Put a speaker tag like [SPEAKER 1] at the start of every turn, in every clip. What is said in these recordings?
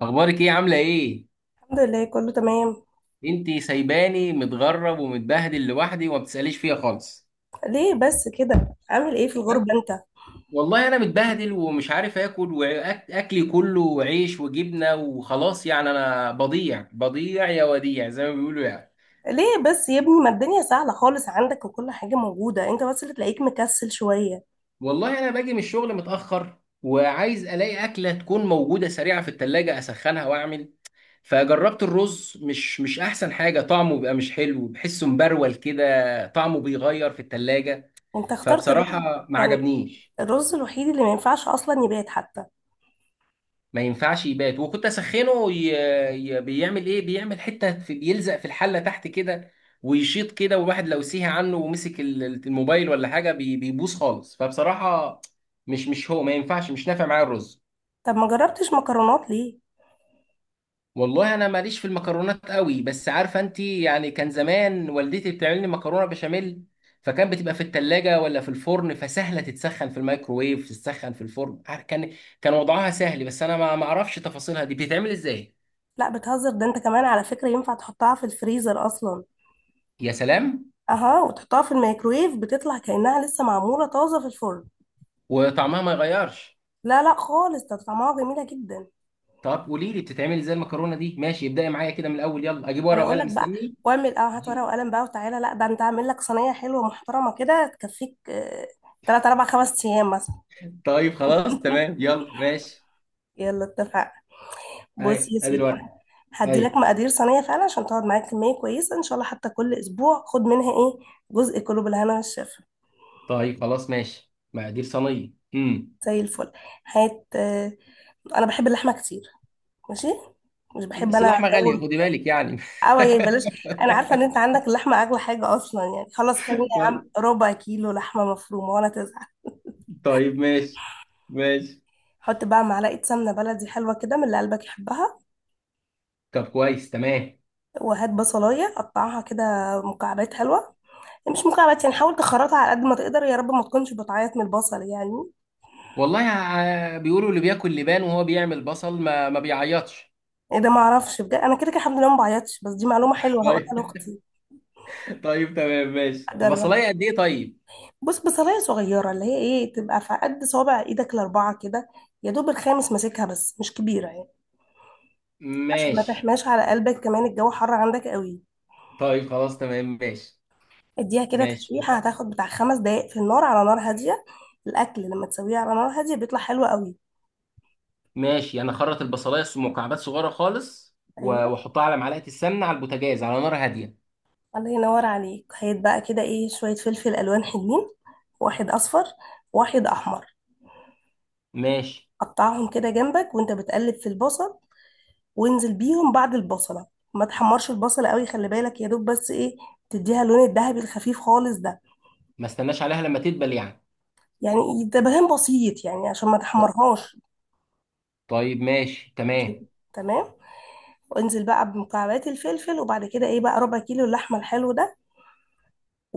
[SPEAKER 1] اخبارك ايه؟ عامله ايه؟
[SPEAKER 2] الحمد لله، كله تمام.
[SPEAKER 1] انت سايباني متغرب ومتبهدل لوحدي وما بتساليش فيها خالص.
[SPEAKER 2] ليه بس كده؟ عامل ايه في الغربة
[SPEAKER 1] أنا؟
[SPEAKER 2] انت؟
[SPEAKER 1] والله انا متبهدل ومش عارف اكل، واكلي كله عيش وجبنه وخلاص، يعني انا بضيع يا وديع زي ما بيقولوا يعني.
[SPEAKER 2] ليه بس يا ابني؟ ما الدنيا سهلة خالص عندك وكل حاجة موجودة، انت بس اللي تلاقيك مكسل شوية.
[SPEAKER 1] والله انا باجي من الشغل متاخر وعايز الاقي اكله تكون موجوده سريعه في التلاجة، اسخنها واعمل. فجربت الرز، مش احسن حاجه، طعمه بيبقى مش حلو، بحسه مبرول كده، طعمه بيغير في التلاجة.
[SPEAKER 2] انت اخترت الرز؟
[SPEAKER 1] فبصراحه ما
[SPEAKER 2] يعني
[SPEAKER 1] عجبنيش.
[SPEAKER 2] الرز الوحيد اللي ما ينفعش اصلا يبات حتى.
[SPEAKER 1] ما ينفعش يبات، وكنت اسخنه بيعمل ايه، بيعمل حته بيلزق في الحله تحت كده، ويشيط كده، والواحد لو سيها عنه ومسك الموبايل ولا حاجه بيبوظ خالص. فبصراحه مش هو ما ينفعش، مش نافع معايا الرز.
[SPEAKER 2] طب ما جربتش مكرونات ليه؟
[SPEAKER 1] والله انا ماليش في المكرونات قوي، بس عارفه انت يعني كان زمان والدتي بتعمل لي مكرونه بشاميل، فكان بتبقى في التلاجة ولا في الفرن، فسهلة تتسخن في الميكروويف، تتسخن في الفرن، كان كان وضعها سهل، بس انا ما اعرفش تفاصيلها دي بتتعمل ازاي.
[SPEAKER 2] لا بتهزر، ده انت كمان على فكرة ينفع تحطها في الفريزر اصلا.
[SPEAKER 1] يا سلام.
[SPEAKER 2] اها، وتحطها في الميكرويف بتطلع كأنها لسه معمولة طازة في الفرن.
[SPEAKER 1] وطعمها ما يغيرش؟
[SPEAKER 2] لا لا خالص، ده طعمها جميلة جدا.
[SPEAKER 1] طب قولي لي بتتعمل ازاي المكرونه دي، ماشي، ابدأي معايا كده من الاول، يلا اجيب
[SPEAKER 2] انا
[SPEAKER 1] ورقه
[SPEAKER 2] اقول لك
[SPEAKER 1] وقلم،
[SPEAKER 2] بقى،
[SPEAKER 1] مستني.
[SPEAKER 2] واعمل اه هات ورقه وقلم بقى وتعالى. لا ده انت اعمل لك صينيه حلوه محترمه كده تكفيك تلات اربع خمس ايام مثلا.
[SPEAKER 1] طيب خلاص تمام يلا ماشي.
[SPEAKER 2] يلا اتفقنا. بص
[SPEAKER 1] اي،
[SPEAKER 2] يا
[SPEAKER 1] ادي
[SPEAKER 2] سيدي،
[SPEAKER 1] الورقه.
[SPEAKER 2] انا هدي لك
[SPEAKER 1] اي.
[SPEAKER 2] مقادير صينيه فعلا عشان تقعد معاك كميه كويسه ان شاء الله، حتى كل اسبوع خد منها ايه جزء، كله بالهنا والشفا.
[SPEAKER 1] طيب خلاص ماشي، مقادير صينيه،
[SPEAKER 2] زي الفل. هات انا بحب اللحمه كتير، ماشي. مش بحب
[SPEAKER 1] بس
[SPEAKER 2] انا
[SPEAKER 1] اللحمه غاليه
[SPEAKER 2] جو
[SPEAKER 1] خدي بالك يعني.
[SPEAKER 2] او يا بلاش. انا عارفه ان انت عندك اللحمه اغلى حاجه اصلا، يعني خلاص خليني يا
[SPEAKER 1] طيب.
[SPEAKER 2] عم ربع كيلو لحمه مفرومه ولا تزهق.
[SPEAKER 1] طيب ماشي. ماشي.
[SPEAKER 2] حط بقى معلقة سمنة بلدي حلوة كده من اللي قلبك يحبها.
[SPEAKER 1] طب كويس تمام.
[SPEAKER 2] وهات بصلاية قطعها كده مكعبات حلوة. مش مكعبات يعني، حاول تخرطها على قد ما تقدر. يا رب ما تكونش بتعيط من البصل يعني.
[SPEAKER 1] والله بيقولوا اللي بياكل لبان وهو بيعمل بصل ما بيعيطش.
[SPEAKER 2] ايه ده؟ ما اعرفش بجد، انا كده كده الحمد لله ما بعيطش، بس دي معلومة حلوة هقولها
[SPEAKER 1] طيب.
[SPEAKER 2] لاختي.
[SPEAKER 1] طيب تمام ماشي،
[SPEAKER 2] اجرب.
[SPEAKER 1] بصلايه قد ايه طيب؟
[SPEAKER 2] بص، بصلاية صغيرة اللي هي ايه، تبقى في قد صوابع ايدك ال4 كده، يا دوب الخامس ماسكها، بس مش كبيرة يعني، عشان ما
[SPEAKER 1] ماشي.
[SPEAKER 2] تحماش على قلبك كمان الجو حر عندك قوي.
[SPEAKER 1] طيب خلاص تمام ماشي.
[SPEAKER 2] اديها كده
[SPEAKER 1] ماشي
[SPEAKER 2] تشويحة،
[SPEAKER 1] بس.
[SPEAKER 2] هتاخد بتاع 5 دقايق في النار على نار هادية. الأكل لما تسويه على نار هادية بيطلع حلو قوي.
[SPEAKER 1] ماشي، انا اخرط البصلايه، مكعبات صغيره خالص،
[SPEAKER 2] أيوة،
[SPEAKER 1] واحطها على معلقه السمنه على البوتاجاز على نار هاديه.
[SPEAKER 2] الله ينور عليك. هيت بقى كده إيه شوية فلفل ألوان حلوين، واحد أصفر، واحد أحمر.
[SPEAKER 1] ماشي
[SPEAKER 2] قطعهم كده جنبك وأنت بتقلب في البصل، وانزل بيهم بعد البصلة. ما تحمرش البصلة قوي، خلي بالك، يا دوب بس إيه تديها اللون الذهبي الخفيف خالص ده.
[SPEAKER 1] ما استناش عليها لما تدبل يعني.
[SPEAKER 2] يعني ده بهان بسيط يعني عشان ما
[SPEAKER 1] ط-
[SPEAKER 2] تحمرهاش.
[SPEAKER 1] طيب ماشي
[SPEAKER 2] عشان
[SPEAKER 1] تمام.
[SPEAKER 2] تمام. وانزل بقى بمكعبات الفلفل، وبعد كده ايه بقى ربع كيلو اللحمه الحلو ده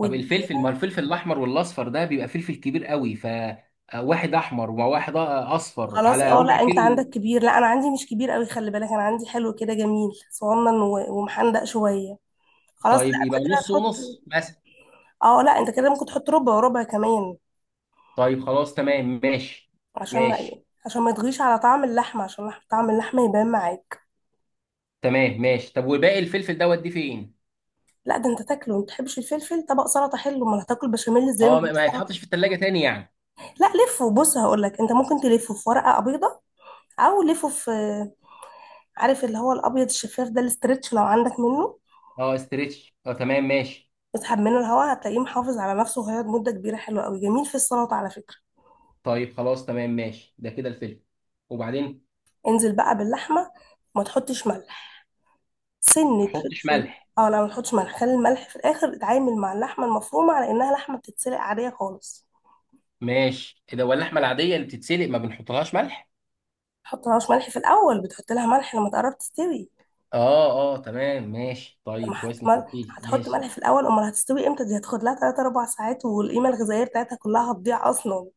[SPEAKER 1] طب الفلفل، ما الفلفل الاحمر والاصفر ده بيبقى فلفل كبير قوي، ف واحد احمر وواحد اصفر
[SPEAKER 2] خلاص
[SPEAKER 1] على
[SPEAKER 2] اه،
[SPEAKER 1] ربع
[SPEAKER 2] لا انت
[SPEAKER 1] كيلو؟
[SPEAKER 2] عندك كبير، لا انا عندي مش كبير قوي، خلي بالك، انا عندي حلو كده جميل صغنن و- ومحندق شويه. خلاص لا
[SPEAKER 1] طيب يبقى
[SPEAKER 2] انت كده
[SPEAKER 1] نص
[SPEAKER 2] هتحط.
[SPEAKER 1] ونص مثلا.
[SPEAKER 2] اه لا، انت كده ممكن تحط ربع وربع كمان،
[SPEAKER 1] طيب خلاص تمام ماشي.
[SPEAKER 2] عشان ما ايه،
[SPEAKER 1] ماشي
[SPEAKER 2] عشان ما يطغيش على طعم اللحمه، عشان طعم اللحمه يبان معاك.
[SPEAKER 1] تمام ماشي، طب وباقي الفلفل ده اوديه فين؟
[SPEAKER 2] لا ده انت تاكله، ما بتحبش الفلفل؟ طبق سلطه حلو، امال هتاكل بشاميل ازاي من
[SPEAKER 1] اه،
[SPEAKER 2] غير
[SPEAKER 1] ما
[SPEAKER 2] سلطه؟
[SPEAKER 1] يتحطش في التلاجة تاني يعني؟
[SPEAKER 2] لا لفه. بص هقول لك، انت ممكن تلفه في ورقه بيضه، او لفه في، عارف اللي هو الابيض الشفاف ده الاسترتش لو عندك منه.
[SPEAKER 1] اه استريتش، اه تمام ماشي.
[SPEAKER 2] اسحب منه الهواء هتلاقيه محافظ على نفسه، وهيقعد مده كبيره حلوه قوي جميل في السلطه على فكره.
[SPEAKER 1] طيب خلاص تمام ماشي، ده كده الفلفل. وبعدين ما
[SPEAKER 2] انزل بقى باللحمه، وما تحطش ملح، سنه
[SPEAKER 1] احطش
[SPEAKER 2] فلفل.
[SPEAKER 1] ملح؟
[SPEAKER 2] اه لا ما تحطش ملح، خلي الملح في الاخر. اتعامل مع اللحمه المفرومه على انها لحمه بتتسلق عاديه خالص.
[SPEAKER 1] ماشي. إيه ده، واللحمه العاديه اللي بتتسلق ما بنحطلهاش ملح؟
[SPEAKER 2] تحط لهاش ملح في الاول، بتحط لها ملح لما تقرب تستوي.
[SPEAKER 1] اه اه تمام ماشي،
[SPEAKER 2] لما
[SPEAKER 1] طيب كويس انك قلت لي،
[SPEAKER 2] هتحط
[SPEAKER 1] ماشي.
[SPEAKER 2] ملح في الاول، امال هتستوي امتى؟ دي هتاخد لها 3 4 ساعات، والقيمه الغذائيه بتاعتها كلها هتضيع اصلا.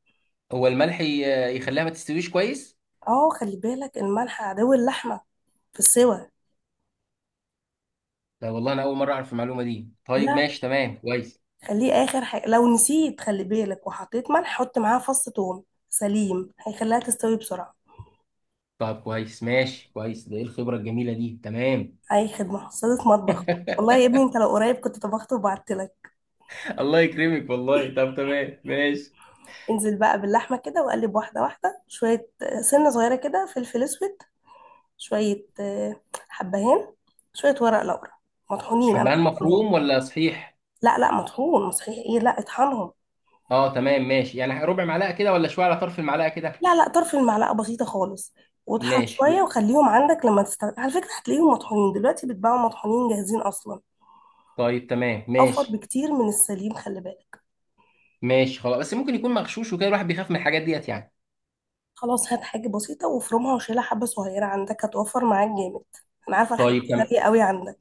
[SPEAKER 1] هو الملح يخليها ما تستويش كويس؟
[SPEAKER 2] اه خلي بالك، الملح عدو اللحمه في السوى.
[SPEAKER 1] لا والله انا اول مره اعرف المعلومه دي، طيب
[SPEAKER 2] لا
[SPEAKER 1] ماشي تمام كويس.
[SPEAKER 2] خليه اخر حاجه، لو نسيت خلي بالك وحطيت ملح حط معاها فص ثوم سليم، هيخليها تستوي بسرعه.
[SPEAKER 1] طب كويس ماشي كويس، ده ايه الخبره الجميله دي، تمام.
[SPEAKER 2] اي خدمه، صيدة مطبخ. والله يا ابني انت لو قريب كنت طبخت وبعت لك.
[SPEAKER 1] الله يكرمك والله، طب تمام ماشي.
[SPEAKER 2] انزل بقى باللحمه كده وقلب واحده واحده، شويه سنه صغيره كده فلفل اسود، شويه حبهان، شويه ورق لورا، مطحونين، انا
[SPEAKER 1] حبهان
[SPEAKER 2] بطحنهم.
[SPEAKER 1] مفروم ولا صحيح؟
[SPEAKER 2] لا لا مطحون صحيح ايه، لا اطحنهم.
[SPEAKER 1] اه تمام ماشي، يعني ربع معلقه كده ولا شويه على طرف المعلقه كده؟
[SPEAKER 2] لا لا طرف المعلقة بسيطة خالص. واطحن
[SPEAKER 1] ماشي.
[SPEAKER 2] شوية وخليهم عندك لما تستخدم، على فكرة هتلاقيهم مطحونين دلوقتي، بيتباعوا مطحونين جاهزين أصلا.
[SPEAKER 1] طيب تمام
[SPEAKER 2] أوفر
[SPEAKER 1] ماشي.
[SPEAKER 2] بكتير من السليم، خلي بالك.
[SPEAKER 1] ماشي خلاص، بس ممكن يكون مغشوش وكده، الواحد بيخاف من الحاجات ديت يعني.
[SPEAKER 2] خلاص هات حاجة بسيطة وافرمها وشيلها، حبة صغيرة عندك هتوفر معاك جامد. أنا عارفة الحاجات دي
[SPEAKER 1] طيب تمام.
[SPEAKER 2] غالية قوي عندك.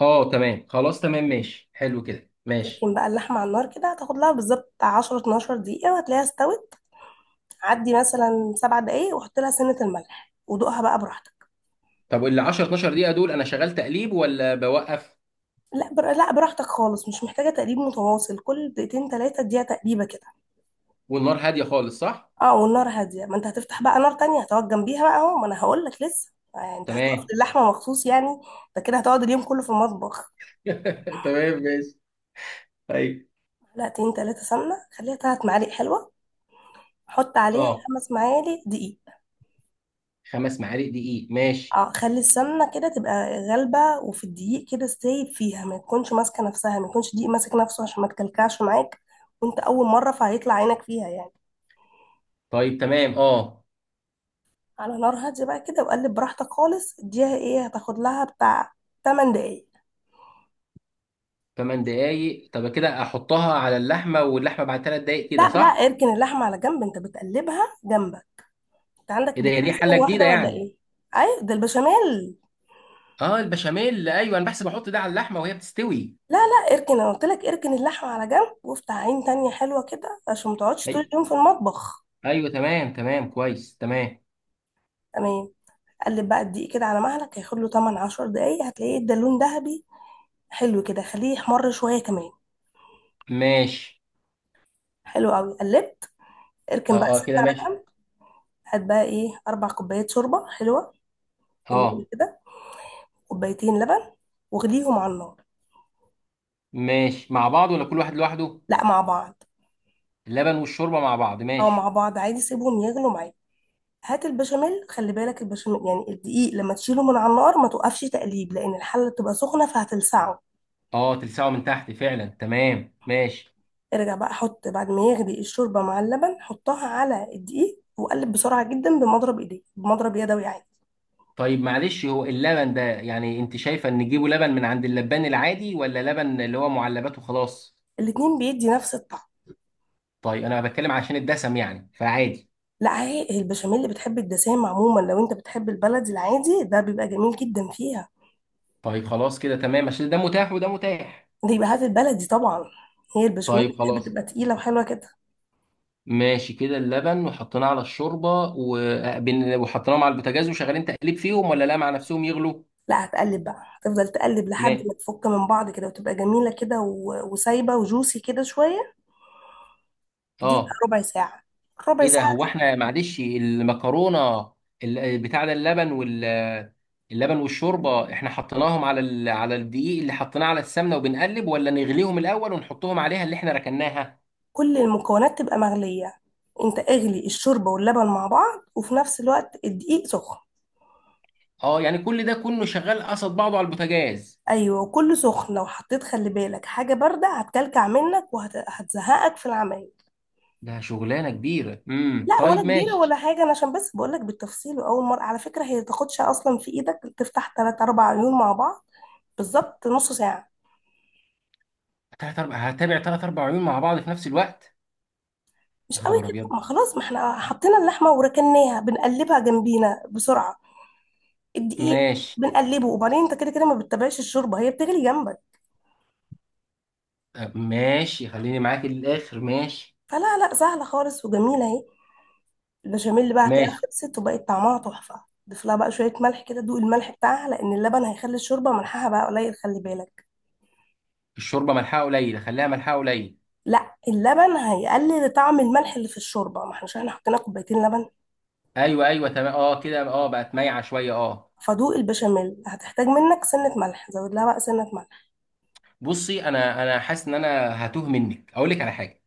[SPEAKER 1] اه تمام خلاص تمام ماشي، حلو كده ماشي.
[SPEAKER 2] لكن بقى اللحمة على النار كده هتاخد لها بالظبط 10 12 دقيقة وهتلاقيها استوت. عدي مثلا 7 دقايق وحط لها سنة الملح ودوقها بقى براحتك.
[SPEAKER 1] طب ال 10 12 دقيقه دول انا شغال تقليب ولا بوقف؟
[SPEAKER 2] لا براحتك خالص، مش محتاجة تقليب متواصل، كل دقيقتين تلاتة اديها تقليبة كده.
[SPEAKER 1] والنار هاديه خالص صح؟
[SPEAKER 2] اه والنار هادية، ما انت هتفتح بقى نار تانية هتقعد جنبيها بقى اهو، ما انا هقول لك لسه يعني، انت هتقف
[SPEAKER 1] تمام.
[SPEAKER 2] اللحمة مخصوص يعني. انت كده هتقعد اليوم كله في المطبخ.
[SPEAKER 1] تمام ماشي. طيب.
[SPEAKER 2] معلقتين تلاتة سمنة، خليها 3 معالق حلوة. حط عليها
[SPEAKER 1] اه،
[SPEAKER 2] 5 معالق دقيق.
[SPEAKER 1] خمس معالق دقيق ماشي.
[SPEAKER 2] اه خلي السمنة كده تبقى غالبة، وفي الدقيق كده سايب فيها، ما تكونش ماسكة نفسها، ما يكونش دقيق ماسك نفسه عشان ما تكلكعش معاك، وانت أول مرة فهيطلع عينك فيها يعني.
[SPEAKER 1] طيب تمام اه.
[SPEAKER 2] على نار هادية بقى كده وقلب براحتك خالص، اديها ايه، هتاخد لها بتاع 8 دقايق.
[SPEAKER 1] ثمان دقايق، طب كده احطها على اللحمه، واللحمه بعد ثلاث دقايق
[SPEAKER 2] لا
[SPEAKER 1] كده
[SPEAKER 2] لا
[SPEAKER 1] صح؟
[SPEAKER 2] اركن اللحمة على جنب، انت بتقلبها جنبك. انت عندك
[SPEAKER 1] ايه ده، هي دي
[SPEAKER 2] بتغسلين
[SPEAKER 1] حله جديده
[SPEAKER 2] واحدة ولا
[SPEAKER 1] يعني؟
[SPEAKER 2] ايه؟ ايوه ده البشاميل.
[SPEAKER 1] اه البشاميل، ايوه، انا بحسب احط ده على اللحمه وهي بتستوي.
[SPEAKER 2] لا لا اركن، انا قلت لك اركن اللحمة على جنب، وافتح عين تانية حلوة كده عشان ما تقعدش طول
[SPEAKER 1] أي.
[SPEAKER 2] اليوم في المطبخ.
[SPEAKER 1] ايوه تمام، تمام كويس تمام.
[SPEAKER 2] تمام. قلب بقى الدقيق كده على مهلك، هياخد له 8 10 دقايق هتلاقيه ادى لون ذهبي. حلو كده، خليه يحمر شوية كمان.
[SPEAKER 1] ماشي.
[SPEAKER 2] حلو قوي، قلبت. اركن بقى
[SPEAKER 1] اه اه
[SPEAKER 2] السمنة
[SPEAKER 1] كده
[SPEAKER 2] على
[SPEAKER 1] ماشي.
[SPEAKER 2] جنب. هات بقى ايه 4 كوبايات شوربة حلوة. جميل
[SPEAKER 1] اه.
[SPEAKER 2] كده. كوبايتين لبن، واغليهم على النار.
[SPEAKER 1] ماشي، مع بعض ولا كل واحد لوحده؟
[SPEAKER 2] لا مع بعض.
[SPEAKER 1] اللبن والشوربه مع بعض
[SPEAKER 2] او مع
[SPEAKER 1] ماشي.
[SPEAKER 2] بعض عادي، سيبهم يغلوا معاك. هات البشاميل، خلي بالك البشاميل يعني الدقيق لما تشيله من على النار ما توقفش تقليب، لان الحله بتبقى سخنه فهتلسعه.
[SPEAKER 1] اه تلسعه من تحت فعلا، تمام ماشي.
[SPEAKER 2] ارجع بقى، حط بعد ما يغلي الشوربه مع اللبن حطها على الدقيق وقلب بسرعه جدا بمضرب ايديك، بمضرب يدوي عادي.
[SPEAKER 1] طيب معلش، هو اللبن ده يعني انت شايفه ان نجيبه لبن من عند اللبان العادي ولا لبن اللي هو معلبات وخلاص؟
[SPEAKER 2] الاتنين بيدي نفس الطعم.
[SPEAKER 1] طيب انا بتكلم عشان الدسم يعني، فعادي.
[SPEAKER 2] لا هي البشاميل اللي بتحب الدسام عموما، لو انت بتحب البلدي العادي ده بيبقى جميل جدا فيها.
[SPEAKER 1] طيب خلاص كده تمام، عشان ده متاح وده متاح.
[SPEAKER 2] ده يبقى هات البلدي طبعا. هي البشاميل
[SPEAKER 1] طيب
[SPEAKER 2] بتحب
[SPEAKER 1] خلاص
[SPEAKER 2] تبقى تقيله وحلوه كده.
[SPEAKER 1] ماشي كده، اللبن وحطيناه على الشوربه، وحطيناهم على البوتاجاز وشغالين تقليب فيهم ولا لا مع نفسهم يغلوا؟
[SPEAKER 2] لا هتقلب بقى، هتفضل تقلب
[SPEAKER 1] ما
[SPEAKER 2] لحد ما تفك من بعض كده وتبقى جميلة كده و- وسايبة وجوسي كده شوية. دي
[SPEAKER 1] اه،
[SPEAKER 2] ربع ساعة. ربع
[SPEAKER 1] ايه ده،
[SPEAKER 2] ساعة.
[SPEAKER 1] هو احنا معلش المكرونه، بتاع ده، اللبن اللبن والشوربه احنا حطيناهم على على الدقيق اللي حطيناه على السمنه، وبنقلب ولا نغليهم الاول ونحطهم عليها اللي احنا ركناها؟
[SPEAKER 2] كل المكونات تبقى مغلية. انت اغلي الشوربة واللبن مع بعض، وفي نفس الوقت الدقيق سخن.
[SPEAKER 1] اه يعني كل ده كله شغال قصد بعضه على البوتاجاز؟
[SPEAKER 2] ايوه وكله سخن، لو حطيت خلي بالك حاجة باردة هتكلكع منك وهتزهقك في العمايل.
[SPEAKER 1] ده شغلانه كبيره،
[SPEAKER 2] لا ولا
[SPEAKER 1] طيب
[SPEAKER 2] كبيرة ولا
[SPEAKER 1] ماشي.
[SPEAKER 2] حاجة، أنا عشان بس بقولك بالتفصيل، وأول مرة على فكرة هي تاخدش أصلا في إيدك، تفتح تلات أربع عيون مع بعض، بالظبط نص ساعة.
[SPEAKER 1] تلات اربع هتابع، ثلاث اربع عيون مع بعض في نفس الوقت؟
[SPEAKER 2] مش
[SPEAKER 1] يا
[SPEAKER 2] قوي
[SPEAKER 1] خبر
[SPEAKER 2] كده،
[SPEAKER 1] ابيض.
[SPEAKER 2] ما خلاص، ما احنا حطينا اللحمه وركناها، بنقلبها جنبينا بسرعه. الدقيق
[SPEAKER 1] ماشي.
[SPEAKER 2] بنقلبه، وبعدين انت كده كده ما بتتابعش الشوربه هي بتغلي جنبك.
[SPEAKER 1] ماشي، خليني معاك للاخر ماشي.
[SPEAKER 2] فلا لا سهله خالص وجميله اهي. البشاميل بقى هتلاقيها
[SPEAKER 1] ماشي.
[SPEAKER 2] خلصت وبقت طعمها تحفه. ضيف لها بقى شويه ملح كده، دوق الملح بتاعها، لان اللبن هيخلي الشوربه ملحها بقى قليل، خلي بالك.
[SPEAKER 1] الشوربه ملحها قليل، خليها ملحها قليل.
[SPEAKER 2] لا اللبن هيقلل طعم الملح اللي في الشوربه، ما احنا مش احنا حطينا كوبايتين لبن.
[SPEAKER 1] ايوه ايوه تمام، اه كده، اه بقت مايعه شويه اه.
[SPEAKER 2] فدوق البشاميل هتحتاج منك سنه ملح، زود لها بقى سنه ملح.
[SPEAKER 1] بصي، انا حاسس ان انا هتوه منك، اقول لك على حاجه،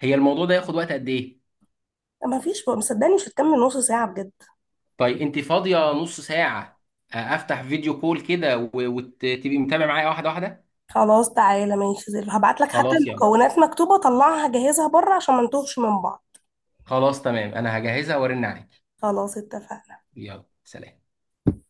[SPEAKER 1] هي الموضوع ده ياخد وقت قد ايه؟
[SPEAKER 2] ما فيش، بقى مصدقني مش هتكمل نص ساعه بجد.
[SPEAKER 1] طيب انت فاضيه نص ساعه؟ افتح فيديو كول كده وتبقي متابع معايا واحده واحده.
[SPEAKER 2] خلاص تعالى ماشي، زي هبعت لك حتى
[SPEAKER 1] خلاص يلا.
[SPEAKER 2] المكونات مكتوبة، طلعها جهزها بره عشان ما نتوهش من بعض.
[SPEAKER 1] خلاص تمام، انا هجهزها وارن عليك.
[SPEAKER 2] خلاص اتفقنا.
[SPEAKER 1] يلا سلام.